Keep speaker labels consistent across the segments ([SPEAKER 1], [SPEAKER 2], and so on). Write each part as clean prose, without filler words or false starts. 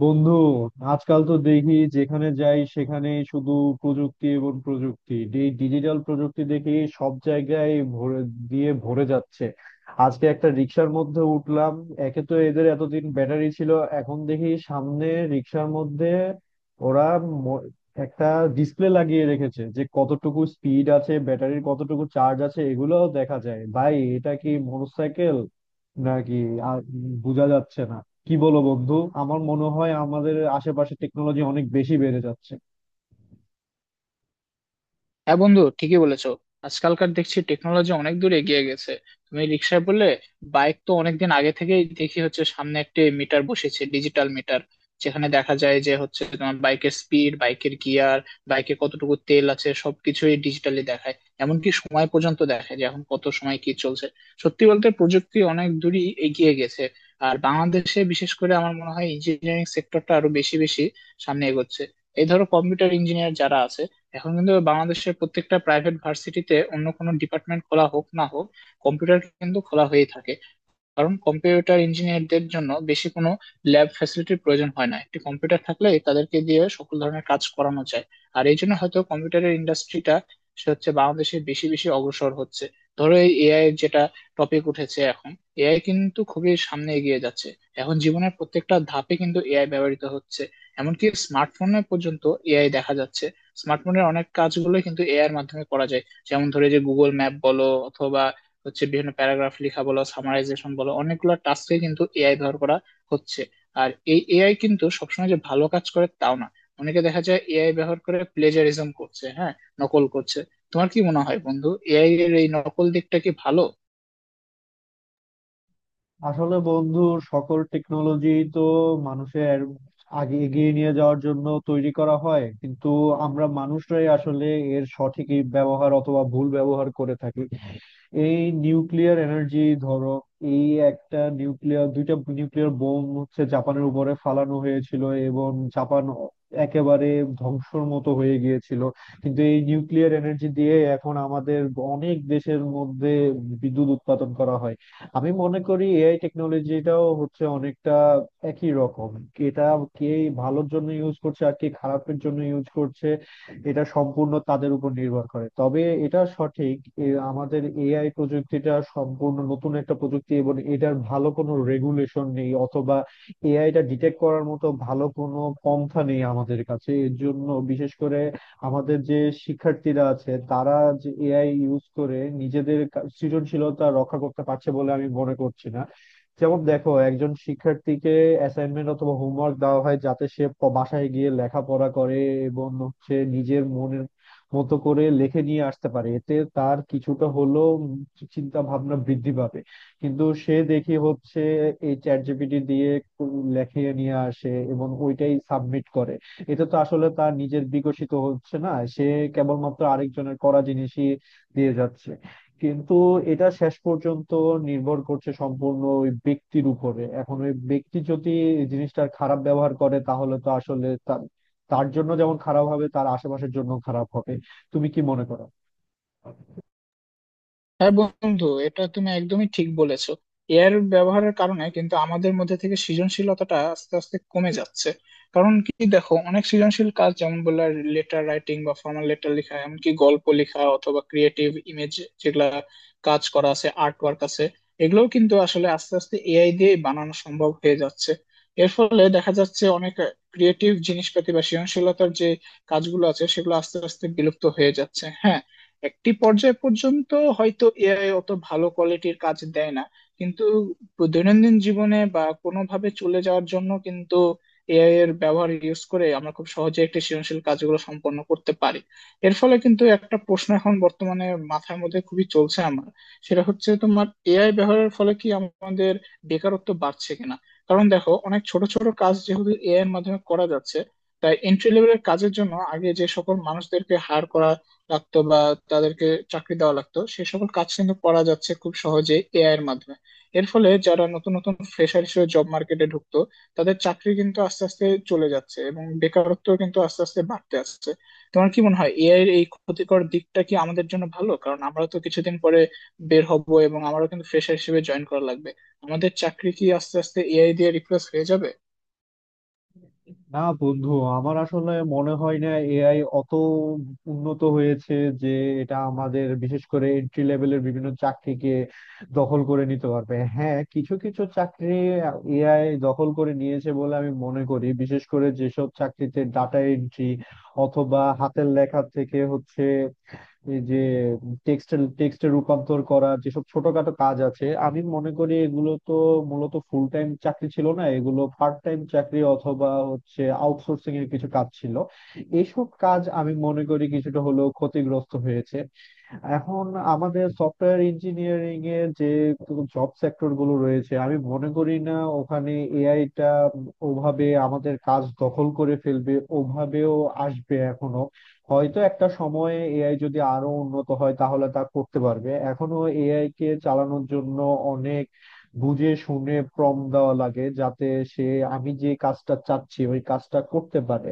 [SPEAKER 1] বন্ধু, আজকাল তো দেখি যেখানে যাই সেখানে শুধু প্রযুক্তি এবং প্রযুক্তি। এই ডিজিটাল প্রযুক্তি দেখি সব জায়গায় ভরে যাচ্ছে। আজকে একটা রিক্সার মধ্যে উঠলাম, একে তো এদের এতদিন ব্যাটারি ছিল, এখন দেখি সামনে রিক্সার মধ্যে ওরা ম- একটা ডিসপ্লে লাগিয়ে রেখেছে যে কতটুকু স্পিড আছে, ব্যাটারির কতটুকু চার্জ আছে, এগুলোও দেখা যায়। ভাই, এটা কি মোটরসাইকেল নাকি আর বোঝা যাচ্ছে না। কি বলো বন্ধু? আমার মনে হয় আমাদের আশেপাশে টেকনোলজি অনেক বেশি বেড়ে যাচ্ছে।
[SPEAKER 2] হ্যাঁ বন্ধু, ঠিকই বলেছো। আজকালকার দেখছি টেকনোলজি অনেক দূর এগিয়ে গেছে। তুমি রিক্সায় বললে, বাইক তো অনেকদিন আগে থেকেই দেখি হচ্ছে সামনে একটি মিটার বসেছে, ডিজিটাল মিটার, যেখানে দেখা যায় যে হচ্ছে তোমার বাইকের স্পিড, বাইকের গিয়ার, বাইকে কতটুকু তেল আছে, সবকিছুই ডিজিটালি দেখায়। এমনকি সময় পর্যন্ত দেখায় যে এখন কত সময় কি চলছে। সত্যি বলতে প্রযুক্তি অনেক দূরই এগিয়ে গেছে। আর বাংলাদেশে বিশেষ করে আমার মনে হয় ইঞ্জিনিয়ারিং সেক্টরটা আরো বেশি বেশি সামনে এগোচ্ছে। এই ধরো কম্পিউটার ইঞ্জিনিয়ার যারা আছে, এখন কিন্তু বাংলাদেশের প্রত্যেকটা প্রাইভেট ভার্সিটিতে অন্য কোনো ডিপার্টমেন্ট খোলা হোক না হোক, কম্পিউটার কিন্তু খোলা হয়েই থাকে। কারণ কম্পিউটার ইঞ্জিনিয়ারদের জন্য বেশি কোনো ল্যাব ফ্যাসিলিটির প্রয়োজন হয় না, একটি কম্পিউটার থাকলে তাদেরকে দিয়ে সকল ধরনের কাজ করানো যায়। আর এই জন্য হয়তো কম্পিউটারের ইন্ডাস্ট্রিটা সে হচ্ছে বাংলাদেশে বেশি বেশি অগ্রসর হচ্ছে। ধরো এই এআই, যেটা টপিক উঠেছে এখন, এআই কিন্তু খুবই সামনে এগিয়ে যাচ্ছে। এখন জীবনের প্রত্যেকটা ধাপে কিন্তু এআই ব্যবহৃত হচ্ছে। এমনকি স্মার্টফোনে পর্যন্ত এআই দেখা যাচ্ছে। স্মার্টফোনের অনেক কাজগুলো কিন্তু এআই এর মাধ্যমে করা যায়। যেমন ধরে যে গুগল ম্যাপ বলো, অথবা হচ্ছে বিভিন্ন প্যারাগ্রাফ লেখা বলো, সামারাইজেশন বলো, অনেকগুলো টাস্কে কিন্তু এআই ব্যবহার করা হচ্ছে। আর এই এআই কিন্তু সবসময় যে ভালো কাজ করে তাও না। অনেকে দেখা যায় এআই ব্যবহার করে প্লেজারিজম করছে, হ্যাঁ, নকল করছে। তোমার কি মনে হয় বন্ধু, এআই এর এই নকল দিকটা কি ভালো?
[SPEAKER 1] আসলে বন্ধু, সকল টেকনোলজি তো মানুষের আগে এগিয়ে নিয়ে যাওয়ার জন্য তৈরি করা হয়, কিন্তু আমরা মানুষরাই আসলে এর সঠিক ব্যবহার অথবা ভুল ব্যবহার করে থাকি। এই নিউক্লিয়ার এনার্জি, ধরো এই একটা নিউক্লিয়ার দুইটা নিউক্লিয়ার বোম হচ্ছে জাপানের উপরে ফালানো হয়েছিল এবং জাপান একেবারে ধ্বংসর মতো হয়ে গিয়েছিল। কিন্তু এই নিউক্লিয়ার এনার্জি দিয়ে এখন আমাদের অনেক দেশের মধ্যে বিদ্যুৎ উৎপাদন করা হয়। আমি মনে করি এআই টেকনোলজিটাও হচ্ছে অনেকটা একই রকম। এটা কে ভালোর জন্য ইউজ করছে আর কে খারাপের জন্য ইউজ করছে, এটা সম্পূর্ণ তাদের উপর নির্ভর করে। তবে এটা সঠিক এ আমাদের এআই প্রযুক্তিটা সম্পূর্ণ নতুন একটা প্রযুক্তি এবং এটার ভালো কোনো রেগুলেশন নেই, অথবা এআইটা ডিটেক্ট করার মতো ভালো কোনো পন্থা নেই আমাদের কাছে। এর জন্য বিশেষ করে আমাদের যে শিক্ষার্থীরা আছে তারা যে এআই ইউজ করে নিজেদের সৃজনশীলতা রক্ষা করতে পারছে বলে আমি মনে করছি না। যেমন দেখো, একজন শিক্ষার্থীকে অ্যাসাইনমেন্ট অথবা হোমওয়ার্ক দেওয়া হয় যাতে সে বাসায় গিয়ে লেখাপড়া করে এবং হচ্ছে নিজের মনের মতো করে লেখে নিয়ে আসতে পারে, এতে তার কিছুটা হলেও চিন্তা ভাবনা বৃদ্ধি পাবে। কিন্তু সে দেখি হচ্ছে এই চ্যাট জিপিটি দিয়ে লেখে নিয়ে আসে এবং ওইটাই সাবমিট করে, এতে তো আসলে তার নিজের বিকশিত হচ্ছে না, সে কেবলমাত্র আরেকজনের করা জিনিসই দিয়ে যাচ্ছে। কিন্তু এটা শেষ পর্যন্ত নির্ভর করছে সম্পূর্ণ ওই ব্যক্তির উপরে। এখন ওই ব্যক্তি যদি এই জিনিসটার খারাপ ব্যবহার করে তাহলে তো আসলে তার তার জন্য যেমন খারাপ হবে, তার আশেপাশের জন্য খারাপ হবে। তুমি কি মনে করো?
[SPEAKER 2] হ্যাঁ বন্ধু, এটা তুমি একদমই ঠিক বলেছো। এআই এর ব্যবহারের কারণে কিন্তু আমাদের মধ্যে থেকে সৃজনশীলতাটা আস্তে আস্তে কমে যাচ্ছে। কারণ কি দেখো, অনেক সৃজনশীল কাজ, যেমন বললা, লেটার রাইটিং বা ফর্মাল লেটার লেখা, এমনকি গল্প লেখা অথবা ক্রিয়েটিভ ইমেজ, যেগুলা কাজ করা আছে, আর্ট ওয়ার্ক আছে, এগুলোও কিন্তু আসলে আস্তে আস্তে এআই দিয়ে বানানো সম্ভব হয়ে যাচ্ছে। এর ফলে দেখা যাচ্ছে অনেক ক্রিয়েটিভ জিনিসপাতি বা সৃজনশীলতার যে কাজগুলো আছে সেগুলো আস্তে আস্তে বিলুপ্ত হয়ে যাচ্ছে, হ্যাঁ। একটি পর্যায় পর্যন্ত হয়তো এআই অত ভালো কোয়ালিটির কাজ দেয় না, কিন্তু দৈনন্দিন জীবনে বা কোনোভাবে চলে যাওয়ার জন্য কিন্তু এআই এর ব্যবহার ইউজ করে আমরা খুব সহজে একটি সৃজনশীল কাজগুলো সম্পন্ন করতে পারি। এর ফলে কিন্তু একটা প্রশ্ন এখন বর্তমানে মাথার মধ্যে খুবই চলছে আমার। সেটা হচ্ছে তোমার, এআই ব্যবহারের ফলে কি আমাদের বেকারত্ব বাড়ছে কিনা। কারণ দেখো, অনেক ছোট ছোট কাজ যেহেতু এআই এর মাধ্যমে করা যাচ্ছে, তাই এন্ট্রি লেভেলের কাজের জন্য আগে যে সকল মানুষদেরকে হায়ার করা রাখতো, বা তাদেরকে চাকরি দেওয়া লাগতো, সে সকল কাজ কিন্তু করা যাচ্ছে খুব সহজে এআই এর মাধ্যমে। এর ফলে যারা নতুন নতুন ফ্রেশার হিসেবে জব মার্কেটে ঢুকতো, তাদের চাকরি কিন্তু আস্তে আস্তে চলে যাচ্ছে এবং বেকারত্ব কিন্তু আস্তে আস্তে বাড়তে আসছে। তোমার কি মনে হয় এআই এর এই ক্ষতিকর দিকটা কি আমাদের জন্য ভালো? কারণ আমরা তো কিছুদিন পরে বের হব এবং আমারও কিন্তু ফ্রেশার হিসেবে জয়েন করা লাগবে। আমাদের চাকরি কি আস্তে আস্তে এআই দিয়ে রিপ্লেস হয়ে যাবে?
[SPEAKER 1] না বন্ধু, আমার আসলে মনে হয় না এআই অত উন্নত হয়েছে যে এটা আমাদের বিশেষ করে এন্ট্রি লেভেলের বিভিন্ন চাকরিকে দখল করে নিতে পারবে। হ্যাঁ, কিছু কিছু চাকরি এআই দখল করে নিয়েছে বলে আমি মনে করি, বিশেষ করে যেসব চাকরিতে ডাটা এন্ট্রি অথবা হাতের লেখা থেকে হচ্ছে এই যে টেক্সটের টেক্সটে রূপান্তর করা, যেসব ছোটখাটো কাজ আছে, আমি মনে করি এগুলো তো মূলত ফুল টাইম চাকরি ছিল না, এগুলো পার্ট টাইম চাকরি অথবা হচ্ছে আউটসোর্সিং এর কিছু কাজ ছিল। এইসব কাজ আমি মনে করি কিছুটা হলেও ক্ষতিগ্রস্ত হয়েছে। এখন আমাদের সফটওয়্যার ইঞ্জিনিয়ারিং এর যে জব সেক্টর গুলো রয়েছে, আমি মনে করি না ওখানে এআই টা ওভাবে আমাদের কাজ দখল করে ফেলবে, ওভাবেও আসবে এখনো। হয়তো একটা সময়ে এআই যদি আরো উন্নত হয় তাহলে তা করতে পারবে, এখনো এআই কে চালানোর জন্য অনেক বুঝে শুনে প্রম্পট দেওয়া লাগে যাতে সে আমি যে কাজটা চাচ্ছি ওই কাজটা করতে পারে।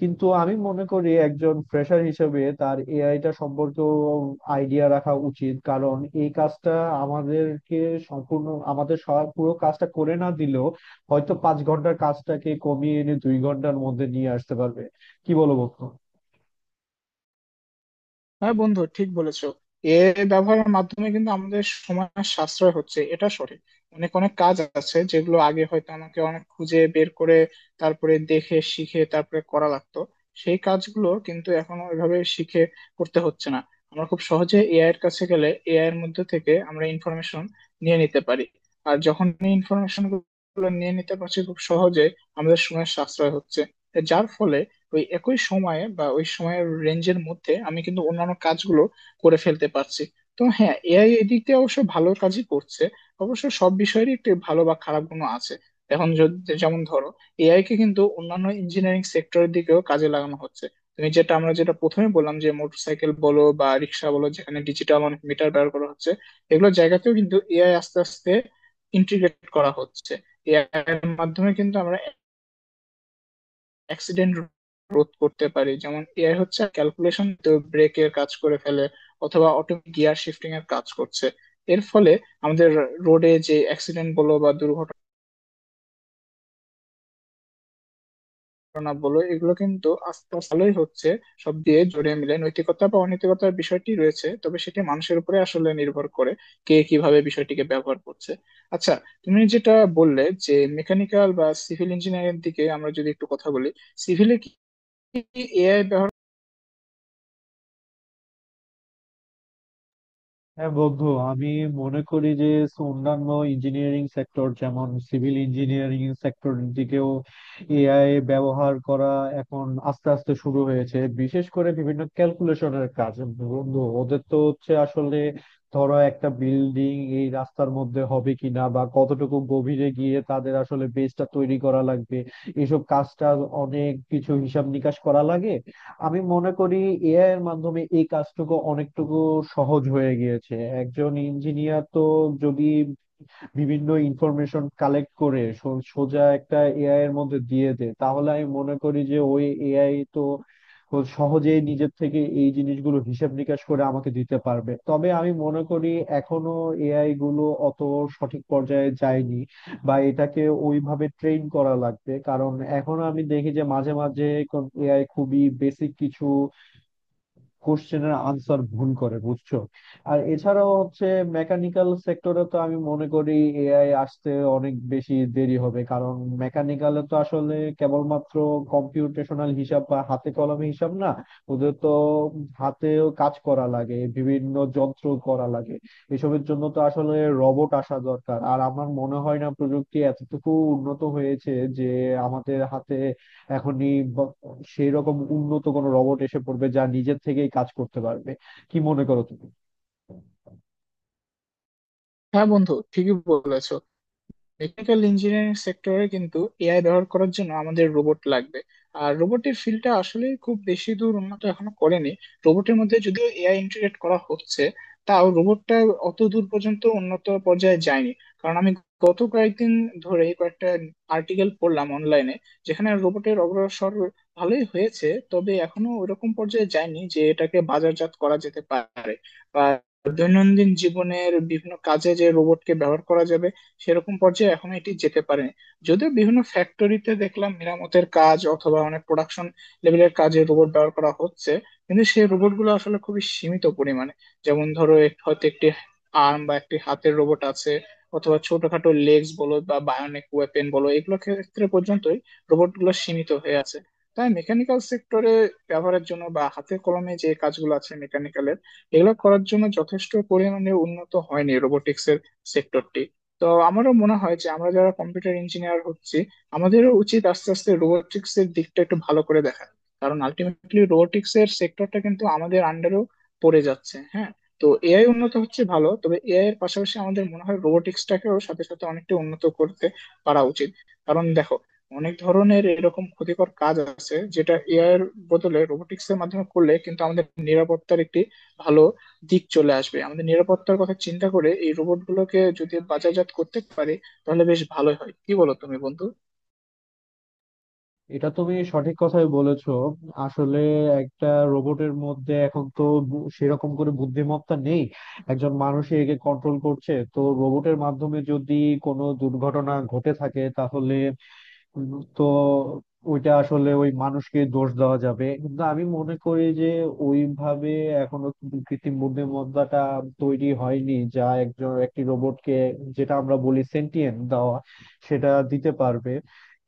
[SPEAKER 1] কিন্তু আমি মনে করি একজন ফ্রেশার হিসেবে তার এআইটা সম্পর্কেও আইডিয়া রাখা উচিত, কারণ এই কাজটা আমাদেরকে সম্পূর্ণ আমাদের সব পুরো কাজটা করে না দিলেও হয়তো 5 ঘন্টার কাজটাকে কমিয়ে এনে 2 ঘন্টার মধ্যে নিয়ে আসতে পারবে। কি বলো বন্ধু?
[SPEAKER 2] হ্যাঁ বন্ধু, ঠিক বলেছো। এ ব্যবহারের মাধ্যমে কিন্তু আমাদের সময় সাশ্রয় হচ্ছে, এটা সঠিক। অনেক অনেক কাজ আছে যেগুলো আগে হয়তো আমাকে অনেক খুঁজে বের করে তারপরে দেখে শিখে তারপরে করা লাগতো, সেই কাজগুলো কিন্তু এখন ওইভাবে শিখে করতে হচ্ছে না। আমরা খুব সহজে এআই এর কাছে গেলে এআই এর মধ্যে থেকে আমরা ইনফরমেশন নিয়ে নিতে পারি। আর যখন এই ইনফরমেশন গুলো নিয়ে নিতে পারছি খুব সহজে, আমাদের সময় সাশ্রয় হচ্ছে। যার ফলে ওই একই সময়ে বা ওই সময়ের রেঞ্জের মধ্যে আমি কিন্তু অন্যান্য কাজগুলো করে ফেলতে পারছি। তো হ্যাঁ, এআই এদিক দিয়ে অবশ্য ভালো কাজই করছে। অবশ্য সব বিষয়েরই একটি ভালো বা খারাপ গুণও আছে। এখন যদি যেমন ধরো, এআই কে কিন্তু অন্যান্য ইঞ্জিনিয়ারিং সেক্টরের দিকেও কাজে লাগানো হচ্ছে। তুমি যেটা আমরা যেটা প্রথমে বললাম, যে মোটরসাইকেল বলো বা রিক্সা বলো, যেখানে ডিজিটাল অনেক মিটার ব্যবহার করা হচ্ছে, এগুলো জায়গাতেও কিন্তু এআই আস্তে আস্তে ইন্টিগ্রেট করা হচ্ছে। এআই এর মাধ্যমে কিন্তু আমরা অ্যাক্সিডেন্ট রোধ করতে পারি। যেমন এআই হচ্ছে ক্যালকুলেশন তো ব্রেকের কাজ করে ফেলে, অথবা অটোমেটিক গিয়ার শিফটিং এর কাজ করছে। এর ফলে আমাদের রোডে যে অ্যাক্সিডেন্ট বলো বা দুর্ঘটনা বলো, এগুলো কিন্তু আস্তে আস্তে ভালোই হচ্ছে। সব দিয়ে জড়িয়ে মিলে নৈতিকতা বা অনৈতিকতার বিষয়টি রয়েছে, তবে সেটি মানুষের উপরে আসলে নির্ভর করে কে কিভাবে বিষয়টিকে ব্যবহার করছে। আচ্ছা, তুমি যেটা বললে যে মেকানিক্যাল বা সিভিল ইঞ্জিনিয়ারিং দিকে আমরা যদি একটু কথা বলি, সিভিলে কি এআই ব্যবহার?
[SPEAKER 1] হ্যাঁ বন্ধু, আমি মনে করি যে অন্যান্য ইঞ্জিনিয়ারিং সেক্টর, যেমন সিভিল ইঞ্জিনিয়ারিং সেক্টর দিকেও এআই ব্যবহার করা এখন আস্তে আস্তে শুরু হয়েছে, বিশেষ করে বিভিন্ন ক্যালকুলেশনের কাজ। বন্ধু, ওদের তো হচ্ছে আসলে, ধরো একটা বিল্ডিং এই রাস্তার মধ্যে হবে কিনা বা কতটুকু গভীরে গিয়ে তাদের আসলে বেসটা তৈরি করা লাগবে, এসব কাজটা অনেক কিছু হিসাব নিকাশ করা লাগে। আমি মনে করি এআই এর মাধ্যমে এই কাজটুকু অনেকটুকু সহজ হয়ে গিয়েছে। একজন ইঞ্জিনিয়ার তো যদি বিভিন্ন ইনফরমেশন কালেক্ট করে সোজা একটা এআই এর মধ্যে দিয়ে দে, তাহলে আমি মনে করি যে ওই এআই তো ও সহজেই নিজের থেকে এই জিনিসগুলো হিসাব নিকাশ করে আমাকে দিতে পারবে। তবে আমি মনে করি এখনো এআই গুলো অত সঠিক পর্যায়ে যায়নি বা এটাকে ওইভাবে ট্রেন করা লাগবে, কারণ এখন আমি দেখি যে মাঝে মাঝে এআই খুবই বেসিক কিছু কোশ্চেনের আনসার ভুল করে, বুঝছো? আর এছাড়াও হচ্ছে মেকানিক্যাল সেক্টরে তো আমি মনে করি এআই আসতে অনেক বেশি দেরি হবে, কারণ মেকানিক্যালে তো আসলে কেবলমাত্র কম্পিউটেশনাল হিসাব বা হাতে কলমে হিসাব না, ওদের তো হাতেও কাজ করা লাগে, বিভিন্ন যন্ত্র করা লাগে। এসবের জন্য তো আসলে রোবট আসা দরকার, আর আমার মনে হয় না প্রযুক্তি এতটুকু উন্নত হয়েছে যে আমাদের হাতে এখনই সেই রকম উন্নত কোনো রোবট এসে পড়বে যা নিজের থেকেই কাজ করতে পারবে। কি মনে করো তুমি?
[SPEAKER 2] হ্যাঁ বন্ধু, ঠিকই বলেছো। টেকনিক্যাল ইঞ্জিনিয়ারিং সেক্টরে কিন্তু এআই ব্যবহার করার জন্য আমাদের রোবট লাগবে। আর রোবটের ফিল্ডটা আসলে খুব বেশি দূর উন্নত এখনো করেনি। রোবটের মধ্যে যদিও এআই ইন্টিগ্রেট করা হচ্ছে, তাও রোবটটা অত দূর পর্যন্ত উন্নত পর্যায়ে যায়নি। কারণ আমি গত কয়েকদিন ধরে কয়েকটা আর্টিকেল পড়লাম অনলাইনে, যেখানে রোবটের অগ্রসর ভালোই হয়েছে, তবে এখনো ওরকম পর্যায়ে যায়নি যে এটাকে বাজারজাত করা যেতে পারে, বা দৈনন্দিন জীবনের বিভিন্ন কাজে যে রোবটকে ব্যবহার করা যাবে সেরকম পর্যায়ে এখন এটি যেতে পারে। যদিও বিভিন্ন ফ্যাক্টরিতে দেখলাম মেরামতের কাজ অথবা অনেক প্রোডাকশন লেভেলের কাজে রোবট ব্যবহার করা হচ্ছে, কিন্তু সেই রোবট গুলো আসলে খুবই সীমিত পরিমাণে। যেমন ধরো হয়তো একটি আর্ম বা একটি হাতের রোবট আছে, অথবা ছোটখাটো লেগস বলো বা বায়োনিক ওয়েপেন বলো, এগুলো ক্ষেত্রে পর্যন্তই রোবট গুলো সীমিত হয়ে আছে। তাই মেকানিক্যাল সেক্টরে ব্যবহারের জন্য বা হাতে কলমে যে কাজগুলো আছে মেকানিক্যালের, এগুলো করার জন্য যথেষ্ট পরিমাণে উন্নত হয়নি রোবোটিক্স এর সেক্টরটি। তো আমারও মনে হয় যে আমরা যারা কম্পিউটার ইঞ্জিনিয়ার হচ্ছি, আমাদেরও উচিত আস্তে আস্তে রোবোটিক্স এর দিকটা একটু ভালো করে দেখা। কারণ আলটিমেটলি রোবোটিক্স এর সেক্টরটা কিন্তু আমাদের আন্ডারেও পড়ে যাচ্ছে, হ্যাঁ। তো এআই উন্নত হচ্ছে ভালো, তবে এআই এর পাশাপাশি আমাদের মনে হয় রোবোটিক্সটাকেও সাথে সাথে অনেকটা উন্নত করতে পারা উচিত। কারণ দেখো, অনেক ধরনের এরকম ক্ষতিকর কাজ আছে যেটা এআই এর বদলে রোবোটিক্স এর মাধ্যমে করলে কিন্তু আমাদের নিরাপত্তার একটি ভালো দিক চলে আসবে। আমাদের নিরাপত্তার কথা চিন্তা করে এই রোবটগুলোকে যদি বাজারজাত করতে পারে তাহলে বেশ ভালোই হয়, কি বলো তুমি বন্ধু?
[SPEAKER 1] এটা তুমি সঠিক কথাই বলেছো। আসলে একটা রোবটের মধ্যে এখন তো সেরকম করে বুদ্ধিমত্তা নেই, একজন মানুষই একে কন্ট্রোল করছে। তো রোবটের মাধ্যমে যদি কোনো দুর্ঘটনা ঘটে থাকে তাহলে তো ওইটা আসলে ওই মানুষকে দোষ দেওয়া যাবে। কিন্তু আমি মনে করি যে ওইভাবে এখনো কিন্তু কৃত্রিম বুদ্ধিমত্তাটা তৈরি হয়নি যা একজন একটি রোবটকে, যেটা আমরা বলি সেন্টিয়েন্ট দেওয়া, সেটা দিতে পারবে।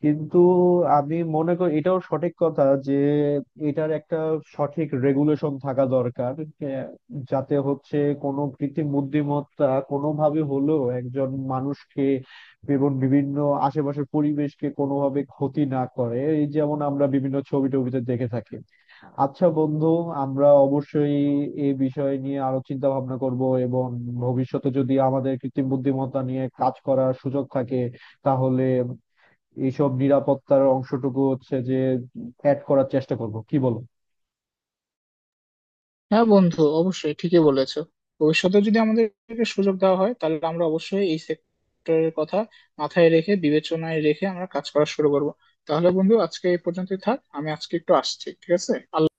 [SPEAKER 1] কিন্তু আমি মনে করি এটাও সঠিক কথা যে এটার একটা সঠিক রেগুলেশন থাকা দরকার, যাতে হচ্ছে কোনো কৃত্রিম বুদ্ধিমত্তা কোনোভাবে হলেও একজন মানুষকে এবং বিভিন্ন আশেপাশের পরিবেশকে কোনোভাবে ক্ষতি না করে, এই যেমন আমরা বিভিন্ন ছবি টবিতে দেখে থাকি। আচ্ছা বন্ধু, আমরা অবশ্যই এই বিষয় নিয়ে আরো চিন্তা ভাবনা করব এবং ভবিষ্যতে যদি আমাদের কৃত্রিম বুদ্ধিমত্তা নিয়ে কাজ করার সুযোগ থাকে তাহলে এইসব নিরাপত্তার অংশটুকু হচ্ছে যে অ্যাড করার চেষ্টা করব। কি বল?
[SPEAKER 2] হ্যাঁ বন্ধু, অবশ্যই ঠিকই বলেছো। ভবিষ্যতে যদি আমাদেরকে সুযোগ দেওয়া হয় তাহলে আমরা অবশ্যই এই সেক্টরের কথা মাথায় রেখে, বিবেচনায় রেখে আমরা কাজ করা শুরু করব। তাহলে বন্ধু আজকে এই পর্যন্তই থাক, আমি আজকে একটু আসছি, ঠিক আছে। আল্লাহ।